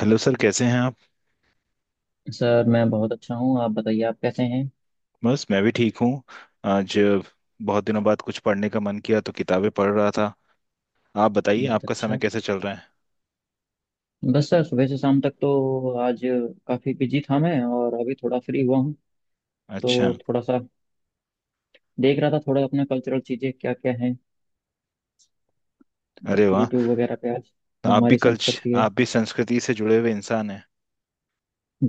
Hello sir, कैसे हैं आप। सर मैं बहुत अच्छा हूँ। आप बताइए आप कैसे हैं। बस मैं भी ठीक हूँ। आज बहुत दिनों बाद कुछ पढ़ने का मन किया तो किताबें पढ़ रहा था। आप बताइए, बहुत आपका समय अच्छा। कैसे चल रहा है। बस सर सुबह से शाम तक तो आज काफ़ी बिजी था मैं और अभी थोड़ा फ्री हुआ हूँ। अच्छा। तो थोड़ा सा देख रहा था थोड़ा अपना कल्चरल चीज़ें क्या क्या हैं अरे वाह, यूट्यूब वगैरह पे आज। तो जो आप भी हमारी कल्च संस्कृति है। आप भी संस्कृति से जुड़े हुए इंसान हैं।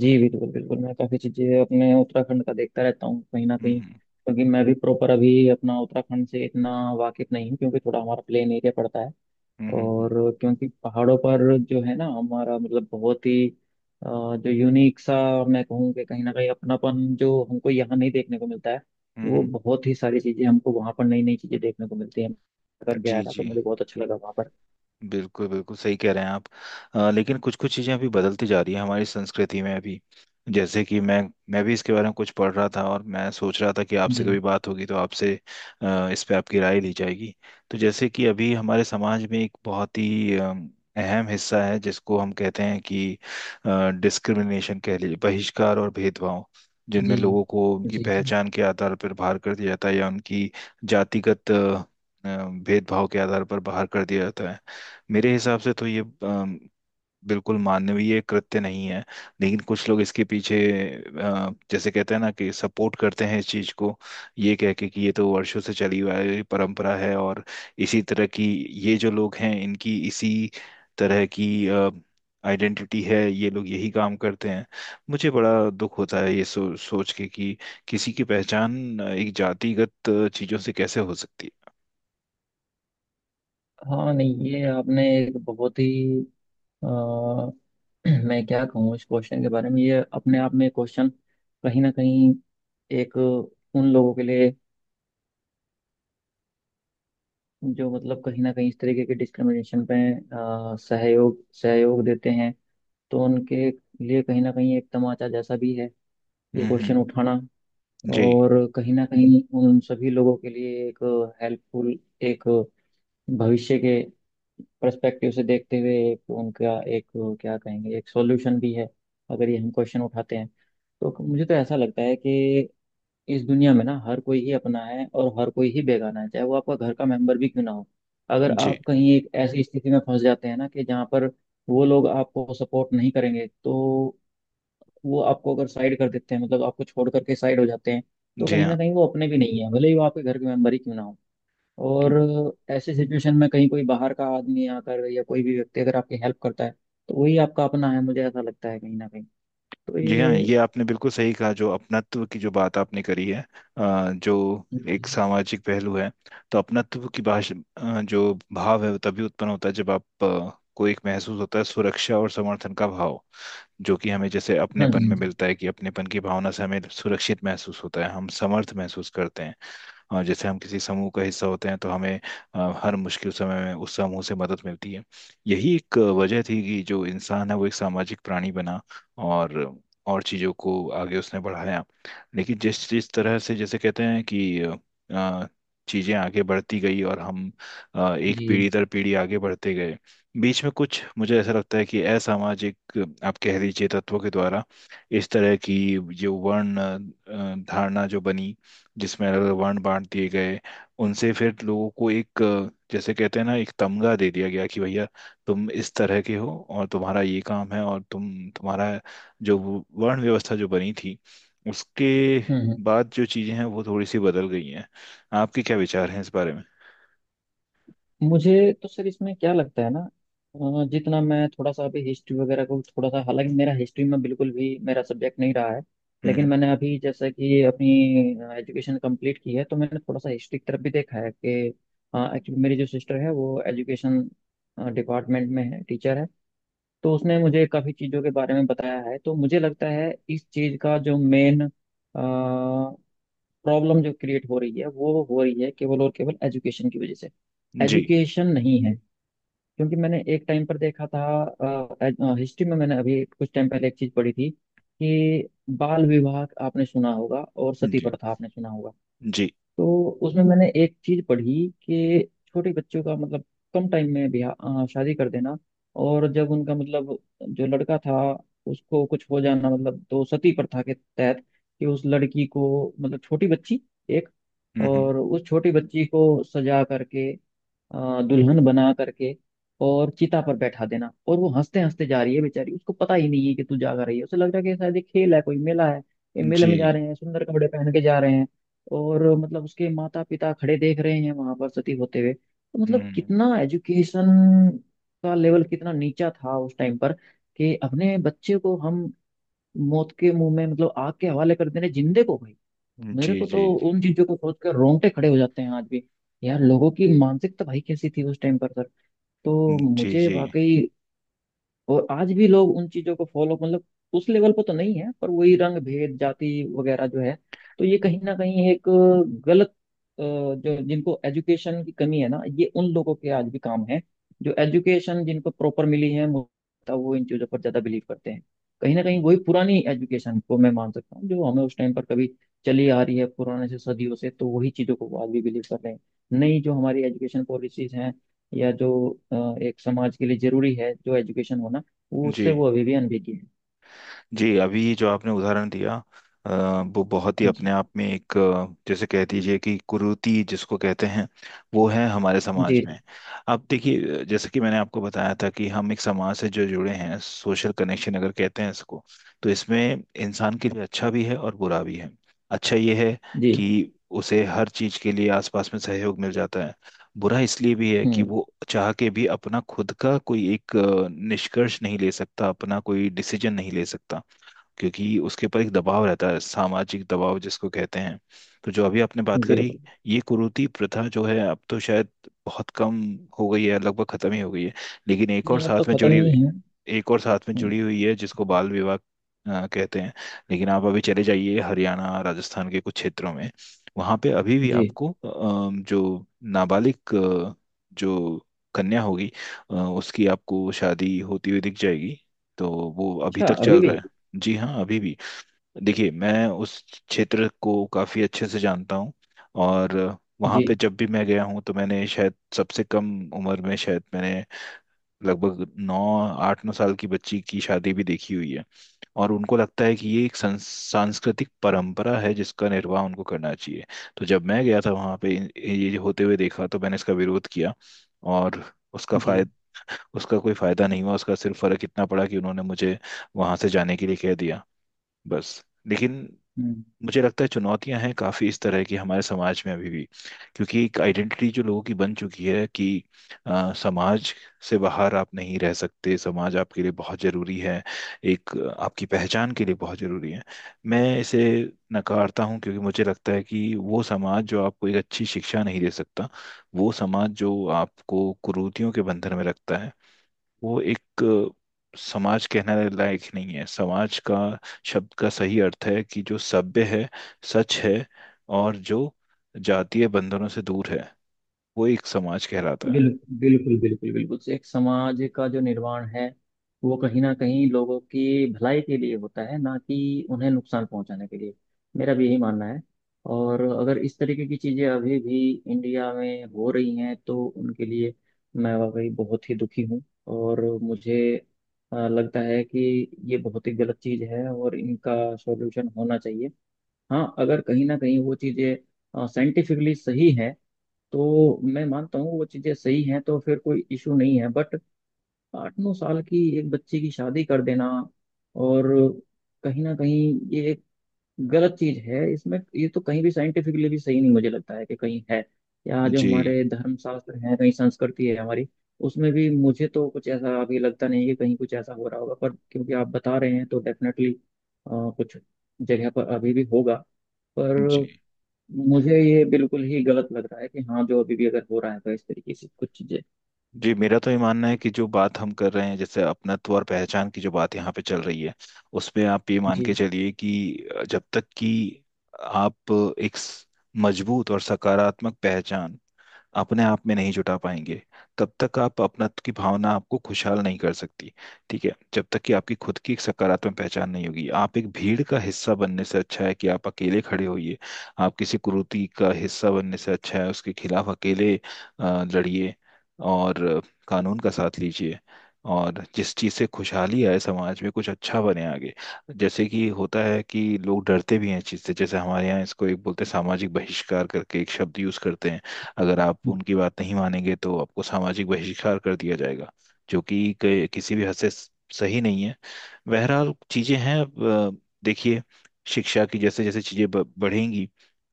जी बिल्कुल बिल्कुल, मैं काफ़ी चीज़ें अपने उत्तराखंड का देखता रहता हूँ कहीं ना हम्म, कहीं, हम्म। क्योंकि मैं भी प्रॉपर अभी अपना उत्तराखंड से इतना वाकिफ नहीं हूँ क्योंकि थोड़ा हमारा प्लेन एरिया पड़ता है। हम्म, हम्म। और क्योंकि पहाड़ों पर जो है ना हमारा मतलब बहुत ही अ, जो यूनिक सा मैं कहूँ कि कहीं ना कहीं अपनापन जो हमको यहाँ नहीं देखने को मिलता है, वो हम्म। बहुत ही सारी चीजें हमको वहाँ पर नई नई चीजें देखने को मिलती हैं। करके आया जी था तो जी, मुझे बहुत अच्छा लगा वहाँ पर। बिल्कुल बिल्कुल सही कह रहे हैं आप। लेकिन कुछ कुछ चीज़ें अभी बदलती जा रही है हमारी संस्कृति में अभी। जैसे कि मैं भी इसके बारे में कुछ पढ़ रहा था और मैं सोच रहा था कि आपसे जी कभी बात होगी तो आपसे इस पे आपकी राय ली जाएगी। तो जैसे कि अभी हमारे समाज में एक बहुत ही अहम हिस्सा है जिसको हम कहते हैं कि डिस्क्रिमिनेशन कह लीजिए, बहिष्कार और भेदभाव, जिनमें जी। लोगों को उनकी जी जी। पहचान के आधार पर बाहर कर दिया जाता है, या उनकी जातिगत भेदभाव के आधार पर बाहर कर दिया जाता है। मेरे हिसाब से तो ये बिल्कुल मानवीय कृत्य नहीं है। लेकिन कुछ लोग इसके पीछे जैसे कहते हैं ना कि सपोर्ट करते हैं इस चीज को। ये कह के कि ये तो वर्षों से चली हुई है, परंपरा है, और इसी तरह की ये जो लोग हैं इनकी इसी तरह की आइडेंटिटी है, ये लोग यही काम करते हैं। मुझे बड़ा दुख होता है ये सोच के कि किसी की पहचान एक जातिगत चीजों से कैसे हो सकती हाँ नहीं, ये आपने एक बहुत ही अ, मैं क्या कहूँ इस क्वेश्चन के बारे में, ये अपने आप में क्वेश्चन कहीं ना कहीं एक उन लोगों के लिए जो मतलब कहीं ना कहीं इस तरीके के डिस्क्रिमिनेशन पे सहयोग सहयोग देते हैं, तो उनके लिए कहीं ना कहीं एक तमाचा जैसा भी है है। ये हम्म, क्वेश्चन हम्म। उठाना। जी। और कहीं ना कहीं उन सभी लोगों के लिए एक हेल्पफुल एक भविष्य के पर्सपेक्टिव से देखते हुए एक उनका एक क्या कहेंगे एक सॉल्यूशन भी है अगर ये हम क्वेश्चन उठाते हैं। तो मुझे तो ऐसा लगता है कि इस दुनिया में ना हर कोई ही अपना है और हर कोई ही बेगाना है चाहे वो आपका घर का मेंबर भी क्यों ना हो। अगर जी आप कहीं एक ऐसी स्थिति में फंस जाते हैं ना कि जहाँ पर वो लोग आपको सपोर्ट नहीं करेंगे तो वो आपको अगर साइड कर देते हैं, मतलब आपको छोड़ करके साइड हो जाते हैं, तो जी। कहीं ना कहीं वो अपने भी नहीं है भले ही वो आपके घर के मेंबर ही क्यों ना हो। हाँ और ऐसी सिचुएशन में कहीं कोई बाहर का आदमी आकर या कोई भी व्यक्ति अगर आपकी हेल्प करता है तो वही आपका अपना है, मुझे ऐसा लगता है कहीं ना कहीं। तो जी, हाँ, ये। ये आपने बिल्कुल सही कहा। जो अपनत्व की जो बात आपने करी है, जो एक जी सामाजिक पहलू है, तो अपनत्व की भाषा जो भाव है वो तभी उत्पन्न होता है जब आप को एक महसूस होता है सुरक्षा और समर्थन का भाव। जो कि हमें जैसे हाँ जी अपनेपन हाँ। में जी मिलता है, कि अपनेपन की भावना से हमें सुरक्षित महसूस होता है, हम समर्थ महसूस करते हैं। जैसे हम किसी समूह का हिस्सा होते हैं तो हमें हर मुश्किल समय में उस समूह से मदद मिलती है। यही एक वजह थी कि जो इंसान है वो एक सामाजिक प्राणी बना, और और चीज़ों को आगे उसने बढ़ाया। लेकिन जिस जिस तरह से जैसे कहते हैं कि चीज़ें आगे बढ़ती गई और हम एक जी। पीढ़ी दर पीढ़ी आगे बढ़ते गए, बीच में कुछ मुझे ऐसा लगता है कि असामाजिक, आप कह लीजिए, तत्वों के द्वारा इस तरह की जो वर्ण धारणा जो बनी, जिसमें अलग अलग वर्ण बांट दिए गए, उनसे फिर लोगों को एक जैसे कहते हैं ना एक तमगा दे दिया गया कि भैया तुम इस तरह के हो और तुम्हारा ये काम है और तुम्हारा जो वो वर्ण व्यवस्था जो बनी थी, उसके हम्म। बाद जो चीजें हैं वो थोड़ी सी बदल गई हैं। आपके क्या विचार हैं इस बारे में। मुझे तो सर इसमें क्या लगता है ना, जितना मैं थोड़ा सा अभी हिस्ट्री वगैरह को थोड़ा सा, हालांकि मेरा हिस्ट्री में बिल्कुल भी मेरा सब्जेक्ट नहीं रहा है, हम्म, लेकिन मैंने अभी जैसा कि अपनी एजुकेशन कंप्लीट की है तो मैंने थोड़ा सा हिस्ट्री की तरफ भी देखा है कि एक्चुअली मेरी जो सिस्टर है वो एजुकेशन डिपार्टमेंट में है टीचर है, तो उसने मुझे काफ़ी चीज़ों के बारे में बताया है। तो मुझे लगता है इस चीज़ का जो मेन प्रॉब्लम जो क्रिएट हो रही है वो हो रही है केवल और केवल एजुकेशन की वजह से, जी। एजुकेशन नहीं है। क्योंकि मैंने एक टाइम पर देखा था, हिस्ट्री में मैंने अभी कुछ टाइम पहले एक चीज पढ़ी थी कि बाल विवाह आपने सुना होगा और सती जी प्रथा आपने सुना होगा। जी। तो उसमें मैंने एक चीज पढ़ी कि छोटे बच्चों का मतलब कम टाइम में ब्याह शादी कर देना। और जब उनका मतलब जो लड़का था उसको कुछ हो जाना मतलब तो सती प्रथा के तहत कि उस लड़की को मतलब छोटी बच्ची एक, हम्म, और उस छोटी बच्ची को सजा करके दुल्हन बना करके और चिता पर बैठा देना, और वो हंसते हंसते जा रही है बेचारी, उसको पता ही नहीं है कि तू जागा रही है, उसे लग रहा है कि शायद ये खेल है कोई मेला है, ये मेले जी। में जा रहे हैं सुंदर कपड़े पहन के जा रहे हैं। और मतलब उसके माता पिता खड़े देख रहे हैं वहां पर सती होते हुए, तो मतलब हम्म। कितना एजुकेशन का लेवल कितना नीचा था उस टाइम पर कि अपने बच्चे को हम मौत के मुंह में मतलब आग के हवाले कर दे रहे हैं, जिंदे को भाई। जी मेरे को जी तो उन चीजों को सोच कर रोंगटे खड़े हो जाते हैं आज भी। यार लोगों की मानसिकता भाई कैसी थी उस टाइम पर सर, जी। तो जी मुझे जी वाकई। और आज भी लोग उन चीजों को फॉलो मतलब उस लेवल पर तो नहीं है पर वही रंग भेद जाति वगैरह जो है, तो ये कहीं ना कहीं एक गलत जो जिनको एजुकेशन की कमी है ना, ये उन लोगों के आज भी काम है। जो एजुकेशन जिनको प्रॉपर मिली है मुझे लगता है वो इन चीजों पर ज्यादा बिलीव करते हैं। कहीं ना कहीं वही पुरानी एजुकेशन को मैं मान सकता हूँ, जो हमें उस टाइम पर कभी चली आ रही है पुराने से सदियों से तो वही चीजों को वो आज भी बिलीव कर रहे हैं। नई जो हमारी एजुकेशन पॉलिसीज हैं या जो एक समाज के लिए जरूरी है जो एजुकेशन होना, वो उससे जी। वो अभी भी अनभिज्ञ है। जी, अभी जो आपने उदाहरण दिया, अ, वो बहुत ही अपने जी आप में एक जैसे कह दीजिए कि कुरीति जिसको कहते हैं, वो है हमारे जी। समाज में। जी अब देखिए, जैसे कि मैंने आपको बताया था कि हम एक समाज से जो जुड़े हैं, सोशल कनेक्शन अगर कहते हैं इसको, तो इसमें इंसान के लिए अच्छा भी है और बुरा भी है। अच्छा ये है जी। कि उसे हर चीज के लिए आसपास में सहयोग मिल जाता है। बुरा इसलिए भी है कि हम्म। वो चाह के भी अपना खुद का कोई एक निष्कर्ष नहीं ले सकता, अपना कोई डिसीजन नहीं ले सकता, क्योंकि उसके ऊपर एक दबाव रहता है, सामाजिक दबाव जिसको कहते हैं। तो जो अभी आपने बात करी, बिल्कुल। ये कुरीति प्रथा जो है अब तो शायद बहुत कम हो गई है, लगभग खत्म ही हो गई है। लेकिन एक और नहीं अब तो साथ में खत्म जुड़ी हुई ही है। एक और साथ में हम्म। जुड़ी हुई है जिसको बाल विवाह कहते हैं। लेकिन आप अभी चले जाइए हरियाणा राजस्थान के कुछ क्षेत्रों में, वहां पे अभी भी जी। आपको जो नाबालिग जो कन्या होगी, उसकी आपको शादी होती हुई दिख जाएगी। तो वो अभी अच्छा, तक अभी चल रहा भी। है। जी हाँ, अभी भी। देखिए, मैं उस क्षेत्र को काफ़ी अच्छे से जानता हूँ। और वहाँ जी पे जब भी मैं गया हूँ तो मैंने शायद सबसे कम उम्र में, शायद मैंने, लगभग नौ आठ नौ साल की बच्ची की शादी भी देखी हुई है। और उनको लगता है कि ये एक सांस्कृतिक परंपरा है जिसका निर्वाह उनको करना चाहिए। तो जब मैं गया था वहाँ पे ये होते हुए देखा तो मैंने इसका विरोध किया। और उसका जी। फायदा उसका कोई फायदा नहीं हुआ, उसका सिर्फ फर्क इतना पड़ा कि उन्होंने मुझे वहां से जाने के लिए कह दिया। बस, लेकिन हम्म। मुझे लगता है चुनौतियां हैं काफ़ी इस तरह की हमारे समाज में अभी भी। क्योंकि एक आइडेंटिटी जो लोगों की बन चुकी है कि समाज से बाहर आप नहीं रह सकते, समाज आपके लिए बहुत ज़रूरी है, एक आपकी पहचान के लिए बहुत ज़रूरी है। मैं इसे नकारता हूँ, क्योंकि मुझे लगता है कि वो समाज जो आपको एक अच्छी शिक्षा नहीं दे सकता, वो समाज जो आपको कुरीतियों के बंधन में रखता है, वो एक समाज कहने लायक ही नहीं है। समाज का शब्द का सही अर्थ है कि जो सभ्य है, सच है, और जो जातीय बंधनों से दूर है, वो एक समाज कहलाता है। बिल, बिल्कुल बिल्कुल बिल्कुल, एक समाज का जो निर्माण है वो कहीं ना कहीं लोगों की भलाई के लिए होता है ना कि उन्हें नुकसान पहुंचाने के लिए, मेरा भी यही मानना है। और अगर इस तरीके की चीजें अभी भी इंडिया में हो रही हैं तो उनके लिए मैं वाकई बहुत ही दुखी हूँ, और मुझे लगता है कि ये बहुत ही गलत चीज है और इनका सॉल्यूशन होना चाहिए। हाँ अगर कहीं ना कहीं वो चीज़ें साइंटिफिकली सही है तो मैं मानता हूँ वो चीज़ें सही हैं तो फिर कोई इशू नहीं है, बट 8-9 साल की एक बच्ची की शादी कर देना और कहीं ना कहीं ये एक गलत चीज है। इसमें ये तो कहीं भी साइंटिफिकली भी सही नहीं, मुझे लगता है कि कहीं है या जो जी हमारे धर्मशास्त्र है कहीं संस्कृति है हमारी, उसमें भी मुझे तो कुछ ऐसा अभी लगता नहीं है कि कहीं कुछ ऐसा हो रहा होगा, पर क्योंकि आप बता रहे हैं तो डेफिनेटली कुछ जगह पर अभी भी होगा। जी पर मुझे ये बिल्कुल ही गलत लग रहा है कि हाँ जो अभी भी अगर हो रहा है तो इस तरीके से कुछ चीजें। जी, मेरा तो ये मानना है कि जो बात हम कर रहे हैं, जैसे अपनत्व और पहचान की जो बात यहाँ पे चल रही है, उसमें आप ये मान के जी चलिए कि जब तक कि आप एक मजबूत और सकारात्मक पहचान अपने आप में नहीं जुटा पाएंगे, तब तक आप अपनत्व की भावना आपको खुशहाल नहीं कर सकती। ठीक है, जब तक कि आपकी खुद की एक सकारात्मक पहचान नहीं होगी, आप एक भीड़ का हिस्सा बनने से अच्छा है कि आप अकेले खड़े होइए। आप किसी कुरीति का हिस्सा बनने से अच्छा है उसके खिलाफ अकेले लड़िए, और कानून का साथ लीजिए। और जिस चीज़ से खुशहाली आए, समाज में कुछ अच्छा बने आगे। जैसे कि होता है कि लोग डरते भी हैं इस चीज़ से, जैसे हमारे यहाँ इसको एक बोलते हैं सामाजिक बहिष्कार करके, एक शब्द यूज़ करते हैं। अगर आप उनकी बात नहीं मानेंगे तो आपको सामाजिक बहिष्कार कर दिया जाएगा, जो कि किसी भी हद से सही नहीं है। बहरहाल, चीजें हैं अब, देखिए, शिक्षा की जैसे जैसे चीजें बढ़ेंगी,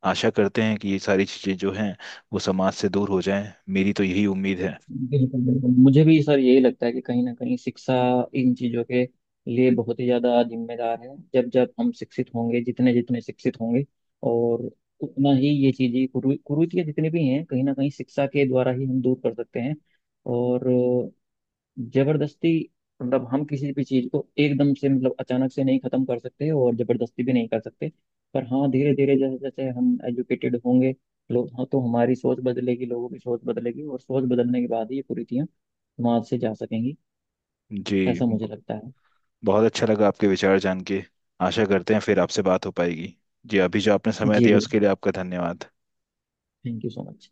आशा करते हैं कि ये सारी चीजें जो हैं वो समाज से दूर हो जाएं, मेरी तो यही उम्मीद है। बिल्कुल बिल्कुल, मुझे भी सर यही लगता है कि कहीं ना कहीं शिक्षा इन चीज़ों के लिए बहुत ही ज़्यादा जिम्मेदार है, जब जब हम शिक्षित होंगे जितने जितने शिक्षित होंगे और उतना ही ये चीज़ें कुरीतियाँ जितनी भी हैं कहीं ना कहीं शिक्षा के द्वारा ही हम दूर कर सकते हैं। और जबरदस्ती मतलब हम किसी भी चीज को एकदम से मतलब अचानक से नहीं खत्म कर सकते और जबरदस्ती भी नहीं कर सकते। पर हाँ धीरे धीरे जैसे जैसे हम एजुकेटेड होंगे लोग हाँ, तो हमारी सोच बदलेगी लोगों की सोच बदलेगी और सोच बदलने के बाद ही ये कुरीतियाँ समाज से जा सकेंगी। जी ऐसा मुझे ब- लगता है। बहुत अच्छा लगा आपके विचार जान के। आशा करते हैं फिर आपसे बात हो पाएगी। जी, अभी जो आपने समय जी दिया बिल्कुल। उसके लिए आपका धन्यवाद। Thank you so much.